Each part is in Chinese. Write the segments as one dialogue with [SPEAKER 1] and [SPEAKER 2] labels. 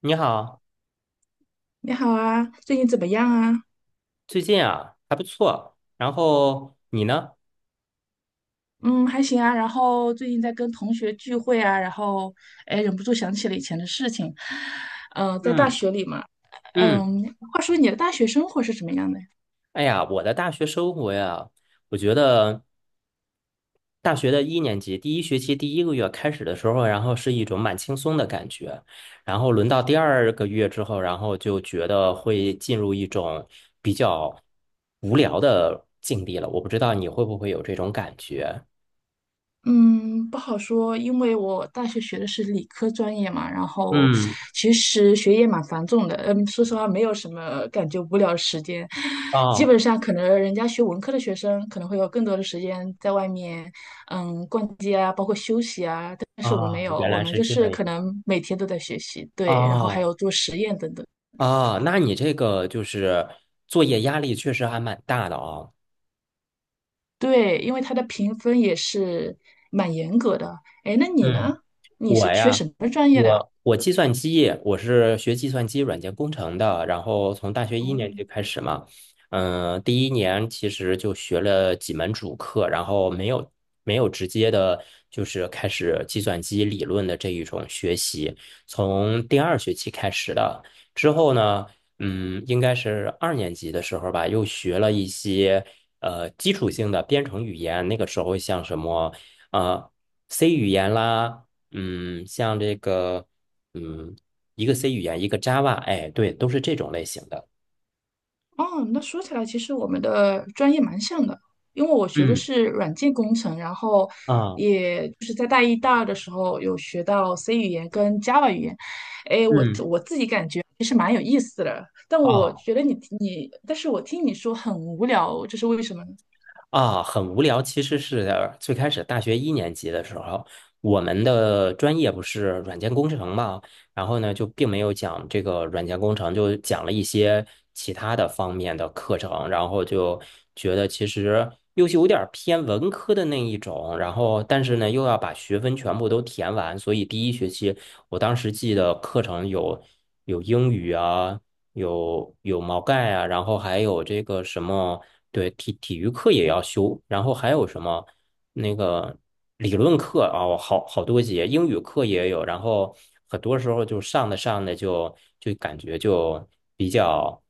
[SPEAKER 1] 你好，
[SPEAKER 2] 你好啊，最近怎么样啊？
[SPEAKER 1] 最近啊还不错，然后你呢？
[SPEAKER 2] 嗯，还行啊。然后最近在跟同学聚会啊，然后哎，忍不住想起了以前的事情。在大
[SPEAKER 1] 嗯
[SPEAKER 2] 学里嘛，
[SPEAKER 1] 嗯，
[SPEAKER 2] 嗯，话说你的大学生活是什么样的？
[SPEAKER 1] 哎呀，我的大学生活呀，我觉得大学的一年级第一学期第一个月开始的时候，然后是一种蛮轻松的感觉，然后轮到第二个月之后，然后就觉得会进入一种比较无聊的境地了。我不知道你会不会有这种感觉？
[SPEAKER 2] 嗯，不好说，因为我大学学的是理科专业嘛，然后
[SPEAKER 1] 嗯，
[SPEAKER 2] 其实学业蛮繁重的，嗯，说实话没有什么感觉无聊的时间，基
[SPEAKER 1] 哦
[SPEAKER 2] 本上可能人家学文科的学生可能会有更多的时间在外面，嗯，逛街啊，包括休息啊，但是我们没
[SPEAKER 1] 啊，
[SPEAKER 2] 有，
[SPEAKER 1] 原
[SPEAKER 2] 我
[SPEAKER 1] 来
[SPEAKER 2] 们
[SPEAKER 1] 是
[SPEAKER 2] 就
[SPEAKER 1] 这
[SPEAKER 2] 是
[SPEAKER 1] 样。
[SPEAKER 2] 可能每天都在学习，对，然后还
[SPEAKER 1] 哦
[SPEAKER 2] 有做实验等等，
[SPEAKER 1] 啊，那你这个就是作业压力确实还蛮大的啊。
[SPEAKER 2] 对，因为它的评分也是蛮严格的。哎，那你呢？
[SPEAKER 1] 嗯。
[SPEAKER 2] 你
[SPEAKER 1] 我
[SPEAKER 2] 是学
[SPEAKER 1] 呀，
[SPEAKER 2] 什么专业的啊？
[SPEAKER 1] 我计算机，我是学计算机软件工程的，然后从大学一年级
[SPEAKER 2] 哦。
[SPEAKER 1] 开始嘛，嗯、第一年其实就学了几门主课，然后没有直接的，就是开始计算机理论的这一种学习，从第二学期开始的，之后呢，嗯，应该是二年级的时候吧，又学了一些基础性的编程语言，那个时候像什么呃 C 语言啦。嗯，像这个，嗯，一个 C 语言，一个 Java，哎，对，都是这种类型的。
[SPEAKER 2] 哦，那说起来，其实我们的专业蛮像的，因为我学的
[SPEAKER 1] 嗯
[SPEAKER 2] 是软件工程，然后
[SPEAKER 1] 啊
[SPEAKER 2] 也就是在大一、大二的时候有学到 C 语言跟 Java 语言，
[SPEAKER 1] 嗯，
[SPEAKER 2] 但我
[SPEAKER 1] 啊，
[SPEAKER 2] 觉得你但是我听你说很无聊，这是为什么呢？
[SPEAKER 1] 啊，很无聊。其实是最开始大学一年级的时候，我们的专业不是软件工程嘛，然后呢就并没有讲这个软件工程，就讲了一些其他的方面的课程，然后就觉得其实又是有点儿偏文科的那一种，然后但是呢又要把学分全部都填完，所以第一学期我当时记得课程有英语啊。有毛概啊，然后还有这个什么，对，体育课也要修，然后还有什么那个理论课啊，我好多节，英语课也有，然后很多时候就上的就感觉就比较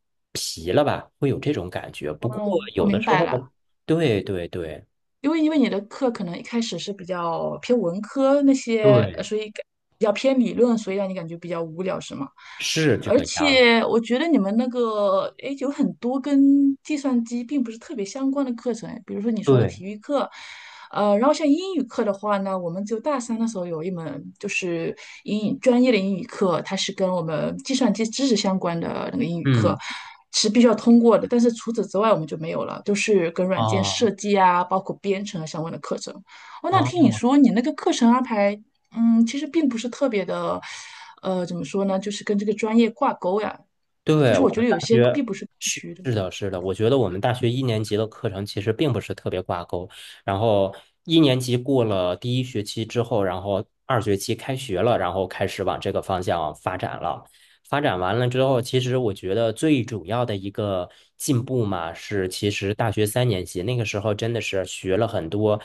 [SPEAKER 1] 没了吧，会有这种感觉。不过
[SPEAKER 2] 哦，我
[SPEAKER 1] 有的
[SPEAKER 2] 明
[SPEAKER 1] 时
[SPEAKER 2] 白
[SPEAKER 1] 候，
[SPEAKER 2] 了，
[SPEAKER 1] 对对对
[SPEAKER 2] 因为你的课可能一开始是比较偏文科那些，
[SPEAKER 1] 对，
[SPEAKER 2] 所以感比较偏理论，所以让你感觉比较无聊，是吗？
[SPEAKER 1] 是这
[SPEAKER 2] 而
[SPEAKER 1] 个样儿。
[SPEAKER 2] 且我觉得你们那个，诶，有很多跟计算机并不是特别相关的课程，比如说你说的
[SPEAKER 1] 对，
[SPEAKER 2] 体育课，呃，然后像英语课的话呢，我们就大三的时候有一门就是英语专业的英语课，它是跟我们计算机知识相关的那个英语课。
[SPEAKER 1] 嗯，
[SPEAKER 2] 是必须要通过的，但是除此之外我们就没有了，就是跟软件
[SPEAKER 1] 啊
[SPEAKER 2] 设计啊，包括编程啊相关的课程。哦，那听你
[SPEAKER 1] 啊，
[SPEAKER 2] 说你那个课程安排嗯，其实并不是特别的，呃，怎么说呢，就是跟这个专业挂钩呀。就
[SPEAKER 1] 对，
[SPEAKER 2] 是我
[SPEAKER 1] 我
[SPEAKER 2] 觉
[SPEAKER 1] 们
[SPEAKER 2] 得
[SPEAKER 1] 大
[SPEAKER 2] 有些
[SPEAKER 1] 学
[SPEAKER 2] 并不是。
[SPEAKER 1] 是的，是的，我觉得我们大学一年级的课程其实并不是特别挂钩。然后一年级过了第一学期之后，然后二学期开学了，然后开始往这个方向发展了。发展完了之后，其实我觉得最主要的一个进步嘛，是其实大学三年级那个时候真的是学了很多，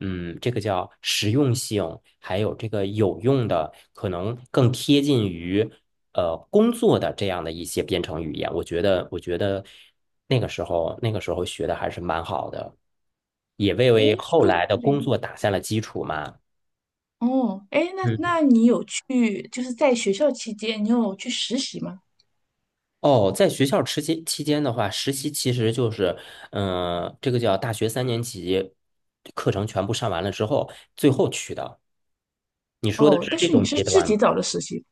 [SPEAKER 1] 嗯，这个叫实用性，还有这个有用的，可能更贴近于工作的这样的一些编程语言，我觉得那个时候学的还是蛮好的，也为
[SPEAKER 2] 诶，
[SPEAKER 1] 后
[SPEAKER 2] 说到
[SPEAKER 1] 来的
[SPEAKER 2] 这
[SPEAKER 1] 工
[SPEAKER 2] 里，
[SPEAKER 1] 作打下了基础嘛。
[SPEAKER 2] 哦，诶，那
[SPEAKER 1] 嗯，
[SPEAKER 2] 那你有去，就是在学校期间，你有去实习吗？
[SPEAKER 1] 哦，在学校期间的话，实习其实就是，嗯、这个叫大学三年级课程全部上完了之后，最后去的。你说的
[SPEAKER 2] 哦，
[SPEAKER 1] 是
[SPEAKER 2] 但
[SPEAKER 1] 这
[SPEAKER 2] 是你
[SPEAKER 1] 种
[SPEAKER 2] 是
[SPEAKER 1] 阶
[SPEAKER 2] 自
[SPEAKER 1] 段吗？
[SPEAKER 2] 己找的实习，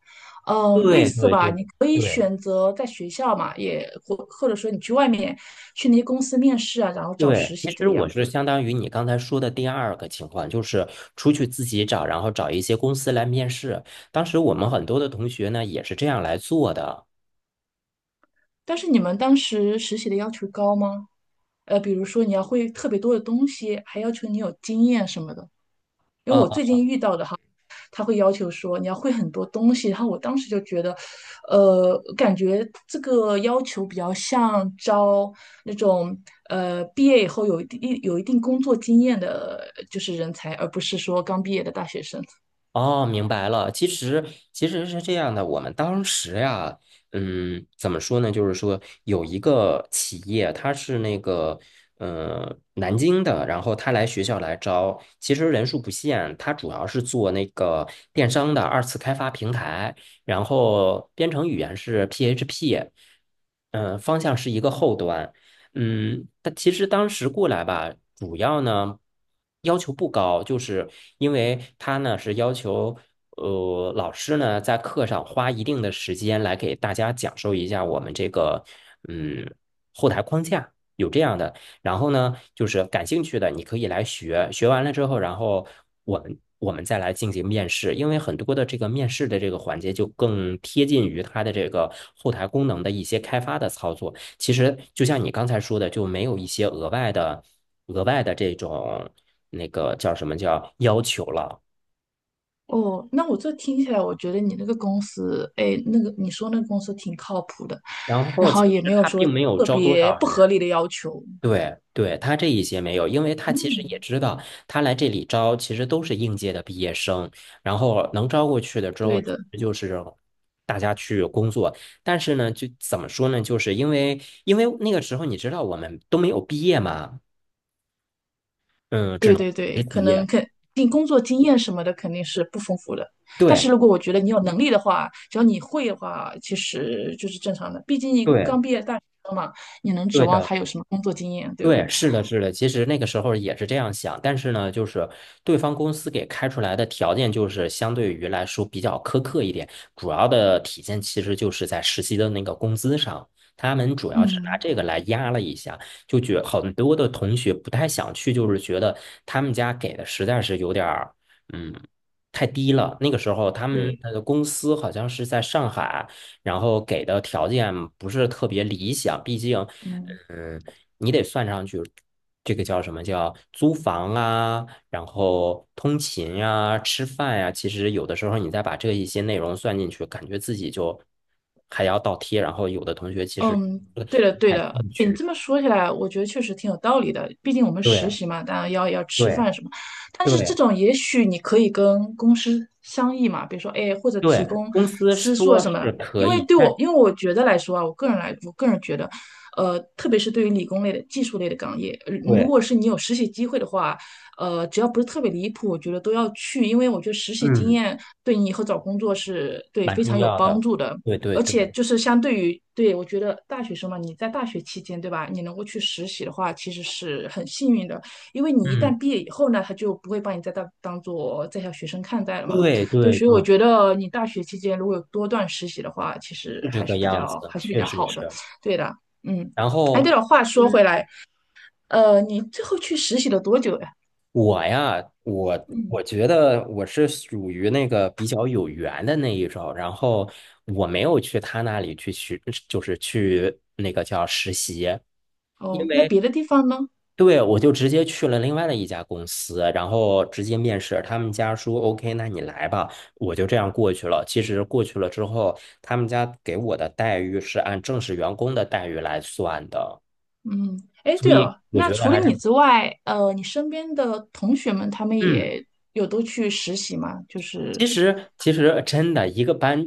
[SPEAKER 2] 嗯，类
[SPEAKER 1] 对
[SPEAKER 2] 似
[SPEAKER 1] 对
[SPEAKER 2] 吧，
[SPEAKER 1] 对
[SPEAKER 2] 你可以
[SPEAKER 1] 对
[SPEAKER 2] 选择在学校嘛，也或者说你去外面去那些公司面试啊，然后找
[SPEAKER 1] 对，
[SPEAKER 2] 实
[SPEAKER 1] 其
[SPEAKER 2] 习这
[SPEAKER 1] 实
[SPEAKER 2] 个
[SPEAKER 1] 我
[SPEAKER 2] 样
[SPEAKER 1] 是
[SPEAKER 2] 子。
[SPEAKER 1] 相当于你刚才说的第二个情况，就是出去自己找，然后找一些公司来面试。当时我们很多的同学呢也是这样来做的。
[SPEAKER 2] 但是你们当时实习的要求高吗？呃，比如说你要会特别多的东西，还要求你有经验什么的。因为我
[SPEAKER 1] 呃
[SPEAKER 2] 最近遇到的哈，他会要求说你要会很多东西，然后我当时就觉得，呃，感觉这个要求比较像招那种呃毕业以后有一定工作经验的，就是人才，而不是说刚毕业的大学生。
[SPEAKER 1] 哦，明白了。其实是这样的，我们当时呀，嗯，怎么说呢？就是说有一个企业，它是那个南京的，然后他来学校来招，其实人数不限，他主要是做那个电商的二次开发平台，然后编程语言是 PHP，嗯、方向是一个后端。嗯，他其实当时过来吧，主要呢要求不高，就是因为他呢是要求，老师呢在课上花一定的时间来给大家讲授一下我们这个，嗯，后台框架有这样的。然后呢，就是感兴趣的你可以来学，学完了之后，然后我们再来进行面试，因为很多的这个面试的这个环节就更贴近于它的这个后台功能的一些开发的操作。其实就像你刚才说的，就没有一些额外的、这种那个叫什么叫要求了。
[SPEAKER 2] 哦，那我这听起来，我觉得你那个公司，哎，那个你说那个公司挺靠谱的，
[SPEAKER 1] 然
[SPEAKER 2] 然
[SPEAKER 1] 后其
[SPEAKER 2] 后也没
[SPEAKER 1] 实
[SPEAKER 2] 有
[SPEAKER 1] 他
[SPEAKER 2] 说
[SPEAKER 1] 并没有
[SPEAKER 2] 特
[SPEAKER 1] 招多
[SPEAKER 2] 别
[SPEAKER 1] 少
[SPEAKER 2] 不
[SPEAKER 1] 人，
[SPEAKER 2] 合理的要求。
[SPEAKER 1] 对对，他这一些没有，因为他其实也
[SPEAKER 2] 嗯，
[SPEAKER 1] 知道，他来这里招其实都是应届的毕业生，然后能招过去的之后，
[SPEAKER 2] 对的，
[SPEAKER 1] 就是大家去工作。但是呢，就怎么说呢，就是因为那个时候你知道我们都没有毕业嘛，嗯，只
[SPEAKER 2] 对
[SPEAKER 1] 能
[SPEAKER 2] 对
[SPEAKER 1] 实
[SPEAKER 2] 对，可能
[SPEAKER 1] 习。
[SPEAKER 2] 肯定工作经验什么的肯定是不丰富的，但是
[SPEAKER 1] 对
[SPEAKER 2] 如果我觉得你有能力的话，只要你会的话，其实就是正常的，毕竟你刚
[SPEAKER 1] 对
[SPEAKER 2] 毕业大学生嘛，你能指
[SPEAKER 1] 对
[SPEAKER 2] 望
[SPEAKER 1] 的。
[SPEAKER 2] 他有什么工作经验，对吧？
[SPEAKER 1] 对，是的，是的，其实那个时候也是这样想，但是呢，就是对方公司给开出来的条件就是相对于来说比较苛刻一点，主要的体现其实就是在实习的那个工资上，他们主要是拿
[SPEAKER 2] 嗯，
[SPEAKER 1] 这个来压了一下，就觉很多的同学不太想去，就是觉得他们家给的实在是有点儿，嗯，太低了。那个时候他们
[SPEAKER 2] 对，
[SPEAKER 1] 的公司好像是在上海，然后给的条件不是特别理想，毕竟。
[SPEAKER 2] 嗯。
[SPEAKER 1] 嗯，你得算上去，这个叫什么叫租房啊，然后通勤呀、吃饭呀、其实有的时候你再把这一些内容算进去，感觉自己就还要倒贴。然后有的同学其实
[SPEAKER 2] 嗯，
[SPEAKER 1] 不
[SPEAKER 2] 对的，对
[SPEAKER 1] 感
[SPEAKER 2] 的，
[SPEAKER 1] 兴
[SPEAKER 2] 你
[SPEAKER 1] 趣，
[SPEAKER 2] 这么说起来，我觉得确实挺有道理的。毕竟我们实
[SPEAKER 1] 对
[SPEAKER 2] 习嘛，当然要吃
[SPEAKER 1] 对
[SPEAKER 2] 饭什么。但是这
[SPEAKER 1] 对
[SPEAKER 2] 种，也许你可以跟公司商议嘛，比如说，哎，或者提
[SPEAKER 1] 对，
[SPEAKER 2] 供
[SPEAKER 1] 公司
[SPEAKER 2] 吃宿啊
[SPEAKER 1] 说
[SPEAKER 2] 什么
[SPEAKER 1] 是
[SPEAKER 2] 的。
[SPEAKER 1] 可以，但
[SPEAKER 2] 因为我觉得来说啊，我个人觉得，呃，特别是对于理工类的、技术类的岗业，呃如
[SPEAKER 1] 对，
[SPEAKER 2] 果是你有实习机会的话，呃，只要不是特别离谱，我觉得都要去，因为我觉得实习经
[SPEAKER 1] 嗯，
[SPEAKER 2] 验对你以后找工作是对
[SPEAKER 1] 蛮
[SPEAKER 2] 非
[SPEAKER 1] 重
[SPEAKER 2] 常有
[SPEAKER 1] 要
[SPEAKER 2] 帮
[SPEAKER 1] 的，
[SPEAKER 2] 助的。
[SPEAKER 1] 对对
[SPEAKER 2] 而且
[SPEAKER 1] 对，
[SPEAKER 2] 就是相对于，对，我觉得大学生嘛，你在大学期间，对吧？你能够去实习的话，其实是很幸运的，因为你一旦
[SPEAKER 1] 嗯，
[SPEAKER 2] 毕业以后呢，他就不会把你再当做在校学生看待了嘛。
[SPEAKER 1] 对
[SPEAKER 2] 对，
[SPEAKER 1] 对
[SPEAKER 2] 所以我
[SPEAKER 1] 对，
[SPEAKER 2] 觉得你大学期间如果有多段实习的话，其实
[SPEAKER 1] 是这
[SPEAKER 2] 还
[SPEAKER 1] 个
[SPEAKER 2] 是比
[SPEAKER 1] 样
[SPEAKER 2] 较
[SPEAKER 1] 子，
[SPEAKER 2] 还是比
[SPEAKER 1] 确
[SPEAKER 2] 较
[SPEAKER 1] 实
[SPEAKER 2] 好的。
[SPEAKER 1] 是。
[SPEAKER 2] 对的，嗯。
[SPEAKER 1] 然
[SPEAKER 2] 哎，对
[SPEAKER 1] 后。
[SPEAKER 2] 了，话说回
[SPEAKER 1] 嗯。
[SPEAKER 2] 来，呃，你最后去实习了多久呀？
[SPEAKER 1] 我
[SPEAKER 2] 嗯。
[SPEAKER 1] 觉得我是属于那个比较有缘的那一种，然后我没有去他那里去学，就是去那个叫实习，
[SPEAKER 2] 哦，那别的地方呢？
[SPEAKER 1] 对，我就直接去了另外的一家公司，然后直接面试，他们家说 OK，那你来吧，我就这样过去了。其实过去了之后，他们家给我的待遇是按正式员工的待遇来算的，
[SPEAKER 2] 嗯，哎，
[SPEAKER 1] 所
[SPEAKER 2] 对
[SPEAKER 1] 以
[SPEAKER 2] 哦，
[SPEAKER 1] 我
[SPEAKER 2] 那
[SPEAKER 1] 觉得
[SPEAKER 2] 除了
[SPEAKER 1] 还是
[SPEAKER 2] 你之外，呃，你身边的同学们，他们
[SPEAKER 1] 嗯。
[SPEAKER 2] 也有都去实习吗？就
[SPEAKER 1] 其
[SPEAKER 2] 是，
[SPEAKER 1] 实，真的一个班，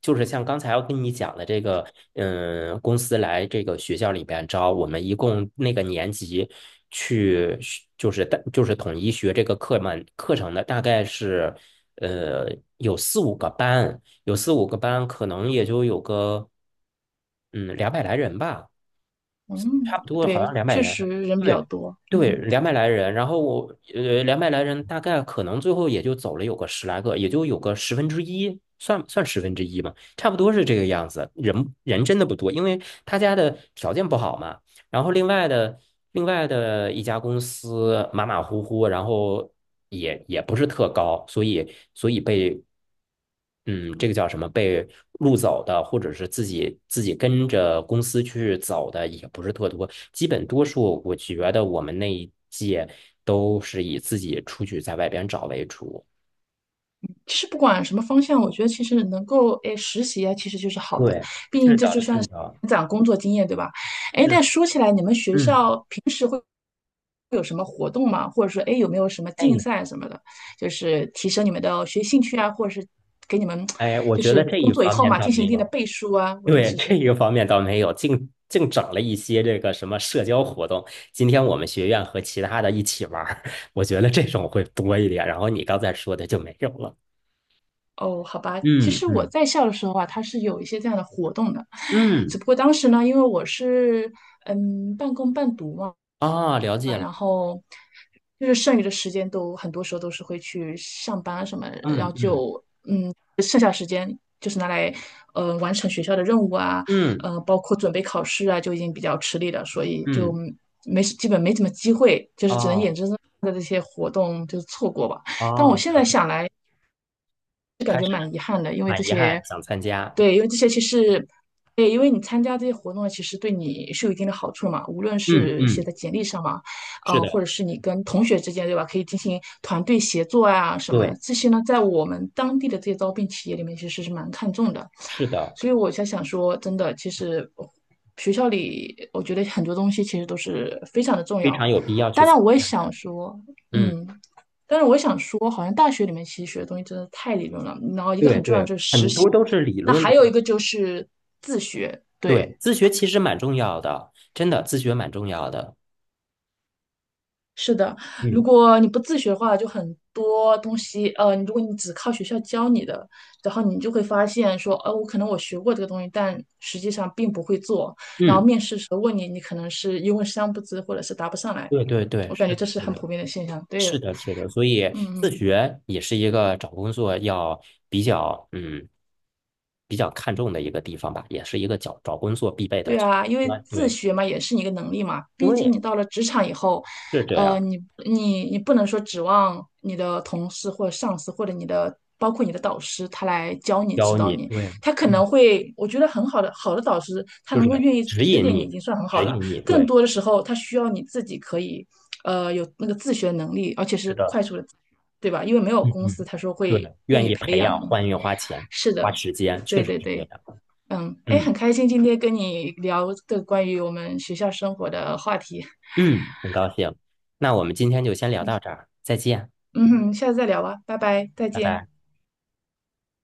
[SPEAKER 1] 就是像刚才我跟你讲的这个，嗯，公司来这个学校里边招我们，一共那个年级去学就是大就是统一学这个课程的，大概是呃有四五个班，可能也就有个嗯两百来人吧。差
[SPEAKER 2] 嗯，
[SPEAKER 1] 不多好像
[SPEAKER 2] 对，
[SPEAKER 1] 两百
[SPEAKER 2] 确
[SPEAKER 1] 来
[SPEAKER 2] 实
[SPEAKER 1] 人，
[SPEAKER 2] 人比较
[SPEAKER 1] 对
[SPEAKER 2] 多。
[SPEAKER 1] 对，
[SPEAKER 2] 嗯，
[SPEAKER 1] 两百来人。然后我，两百来人大概可能最后也就走了有个10来个，也就有个十分之一，算算十分之一嘛，差不多是这个样子。人真的不多，因为他家的条件不好嘛。然后另外的一家公司马马虎虎，然后也不是特高，所以被嗯这个叫什么被录走的，或者是自己跟着公司去走的也不是特多，基本多数我觉得我们那一届都是以自己出去在外边找为主。
[SPEAKER 2] 其实不管什么方向，我觉得其实能够哎实习啊，其实就是好的，
[SPEAKER 1] 对，
[SPEAKER 2] 毕
[SPEAKER 1] 是
[SPEAKER 2] 竟这
[SPEAKER 1] 的，
[SPEAKER 2] 就算
[SPEAKER 1] 是
[SPEAKER 2] 是
[SPEAKER 1] 的，
[SPEAKER 2] 长工作经验，对吧？哎，
[SPEAKER 1] 嗯
[SPEAKER 2] 但说起来，你们学
[SPEAKER 1] 嗯，
[SPEAKER 2] 校平时有什么活动吗？或者说，哎，有没有什么竞
[SPEAKER 1] 哎
[SPEAKER 2] 赛什么的，就是提升你们的学习兴趣啊，或者是给你们
[SPEAKER 1] 哎，我
[SPEAKER 2] 就
[SPEAKER 1] 觉得
[SPEAKER 2] 是
[SPEAKER 1] 这一
[SPEAKER 2] 工作以
[SPEAKER 1] 方
[SPEAKER 2] 后
[SPEAKER 1] 面
[SPEAKER 2] 嘛，
[SPEAKER 1] 倒
[SPEAKER 2] 进行一
[SPEAKER 1] 没
[SPEAKER 2] 定的
[SPEAKER 1] 有。
[SPEAKER 2] 背书啊？我的意
[SPEAKER 1] 对，
[SPEAKER 2] 思
[SPEAKER 1] 这
[SPEAKER 2] 是。
[SPEAKER 1] 一个方面倒没有，净整了一些这个什么社交活动。今天我们学院和其他的一起玩儿，我觉得这种会多一点。然后你刚才说的就没有了。
[SPEAKER 2] 哦，好吧，其
[SPEAKER 1] 嗯
[SPEAKER 2] 实
[SPEAKER 1] 嗯
[SPEAKER 2] 我在校的时候啊，它是有一些这样的活动的，只
[SPEAKER 1] 嗯，
[SPEAKER 2] 不过当时呢，因为我是嗯半工半读嘛，
[SPEAKER 1] 啊，了解
[SPEAKER 2] 啊，
[SPEAKER 1] 了。
[SPEAKER 2] 然后就是剩余的时间都很多时候都是会去上班啊什么，然
[SPEAKER 1] 嗯
[SPEAKER 2] 后
[SPEAKER 1] 嗯
[SPEAKER 2] 就就是拿来完成学校的任务啊，
[SPEAKER 1] 嗯
[SPEAKER 2] 呃，包括准备考试啊，就已经比较吃力了，所以就
[SPEAKER 1] 嗯，
[SPEAKER 2] 没基本没怎么机会，就是只能眼
[SPEAKER 1] 哦
[SPEAKER 2] 睁睁的这些活动就错过吧。但
[SPEAKER 1] 哦，
[SPEAKER 2] 我现
[SPEAKER 1] 了
[SPEAKER 2] 在
[SPEAKER 1] 解
[SPEAKER 2] 想来。
[SPEAKER 1] 还是蛮遗憾，想参加。
[SPEAKER 2] 对，因为这些其实，对，因为你参加这些活动，其实对你是有一定的好处嘛，无论
[SPEAKER 1] 嗯
[SPEAKER 2] 是写
[SPEAKER 1] 嗯，
[SPEAKER 2] 在简历上嘛，
[SPEAKER 1] 是
[SPEAKER 2] 呃，或
[SPEAKER 1] 的，
[SPEAKER 2] 者是你跟同学之间，对吧？可以进行团队协作啊，什么
[SPEAKER 1] 对，
[SPEAKER 2] 这些呢，在我们当地的这些招聘企业里面，其实是蛮看重的。
[SPEAKER 1] 是的，
[SPEAKER 2] 所以我才想说，真的，其实学校里，我觉得很多东西其实都是非常的重
[SPEAKER 1] 非
[SPEAKER 2] 要。
[SPEAKER 1] 常有必要去
[SPEAKER 2] 当
[SPEAKER 1] 参
[SPEAKER 2] 然，我也
[SPEAKER 1] 加。
[SPEAKER 2] 想说，
[SPEAKER 1] 嗯，
[SPEAKER 2] 嗯，但是我也想说，好像大学里面其实学的东西真的太理论了，然后一个
[SPEAKER 1] 对
[SPEAKER 2] 很重要的
[SPEAKER 1] 对，
[SPEAKER 2] 就是实
[SPEAKER 1] 很
[SPEAKER 2] 习。
[SPEAKER 1] 多都是理
[SPEAKER 2] 那
[SPEAKER 1] 论的。
[SPEAKER 2] 还有一个就是自学，对，
[SPEAKER 1] 对，自学其实蛮重要的，真的，自学蛮重要的。
[SPEAKER 2] 是的，如
[SPEAKER 1] 嗯
[SPEAKER 2] 果你不自学的话，就很多东西，呃，如果你只靠学校教你的，然后你就会发现说，呃，我可能我学过这个东西，但实际上并不会做，然后
[SPEAKER 1] 嗯，
[SPEAKER 2] 面试时候问你，你可能是一问三不知，或者是答不上来，
[SPEAKER 1] 对对对，
[SPEAKER 2] 我
[SPEAKER 1] 是
[SPEAKER 2] 感觉
[SPEAKER 1] 的，
[SPEAKER 2] 这是
[SPEAKER 1] 是
[SPEAKER 2] 很
[SPEAKER 1] 的，
[SPEAKER 2] 普遍的现象，对，
[SPEAKER 1] 是的，是的，所以
[SPEAKER 2] 嗯
[SPEAKER 1] 自
[SPEAKER 2] 嗯。
[SPEAKER 1] 学也是一个找工作要比较嗯比较看重的一个地方吧，也是一个找工作必备的
[SPEAKER 2] 对
[SPEAKER 1] 前
[SPEAKER 2] 啊，
[SPEAKER 1] 提
[SPEAKER 2] 因为
[SPEAKER 1] 关
[SPEAKER 2] 自
[SPEAKER 1] 对
[SPEAKER 2] 学嘛，也是你一个能力嘛。毕竟你
[SPEAKER 1] 对，
[SPEAKER 2] 到了职场以后，
[SPEAKER 1] 是这样，
[SPEAKER 2] 呃，你不能说指望你的同事或者上司或者你的包括你的导师他来教你指
[SPEAKER 1] 教
[SPEAKER 2] 导
[SPEAKER 1] 你
[SPEAKER 2] 你，
[SPEAKER 1] 对，
[SPEAKER 2] 他可
[SPEAKER 1] 嗯
[SPEAKER 2] 能会，我觉得很好的导师，他
[SPEAKER 1] 就
[SPEAKER 2] 能够
[SPEAKER 1] 是
[SPEAKER 2] 愿意
[SPEAKER 1] 指
[SPEAKER 2] 指
[SPEAKER 1] 引
[SPEAKER 2] 点你已
[SPEAKER 1] 你，
[SPEAKER 2] 经算很好了。更
[SPEAKER 1] 对，
[SPEAKER 2] 多的时候，他需要你自己可以，呃，有那个自学能力，而且
[SPEAKER 1] 是
[SPEAKER 2] 是
[SPEAKER 1] 的，
[SPEAKER 2] 快速的，对吧？因为没有
[SPEAKER 1] 嗯
[SPEAKER 2] 公司
[SPEAKER 1] 嗯，
[SPEAKER 2] 他说
[SPEAKER 1] 对，
[SPEAKER 2] 会愿
[SPEAKER 1] 愿
[SPEAKER 2] 意
[SPEAKER 1] 意
[SPEAKER 2] 培
[SPEAKER 1] 培养，
[SPEAKER 2] 养你。
[SPEAKER 1] 欢迎花钱
[SPEAKER 2] 是
[SPEAKER 1] 花
[SPEAKER 2] 的，
[SPEAKER 1] 时间，确
[SPEAKER 2] 对
[SPEAKER 1] 实
[SPEAKER 2] 对
[SPEAKER 1] 是这
[SPEAKER 2] 对。
[SPEAKER 1] 样。
[SPEAKER 2] 嗯，哎，
[SPEAKER 1] 嗯
[SPEAKER 2] 很开心今天跟你聊这个关于我们学校生活的话题。
[SPEAKER 1] 嗯，很高兴，那我们今天就先聊到这儿，再见，
[SPEAKER 2] 嗯哼，下次再聊吧，拜拜，再
[SPEAKER 1] 拜
[SPEAKER 2] 见。
[SPEAKER 1] 拜。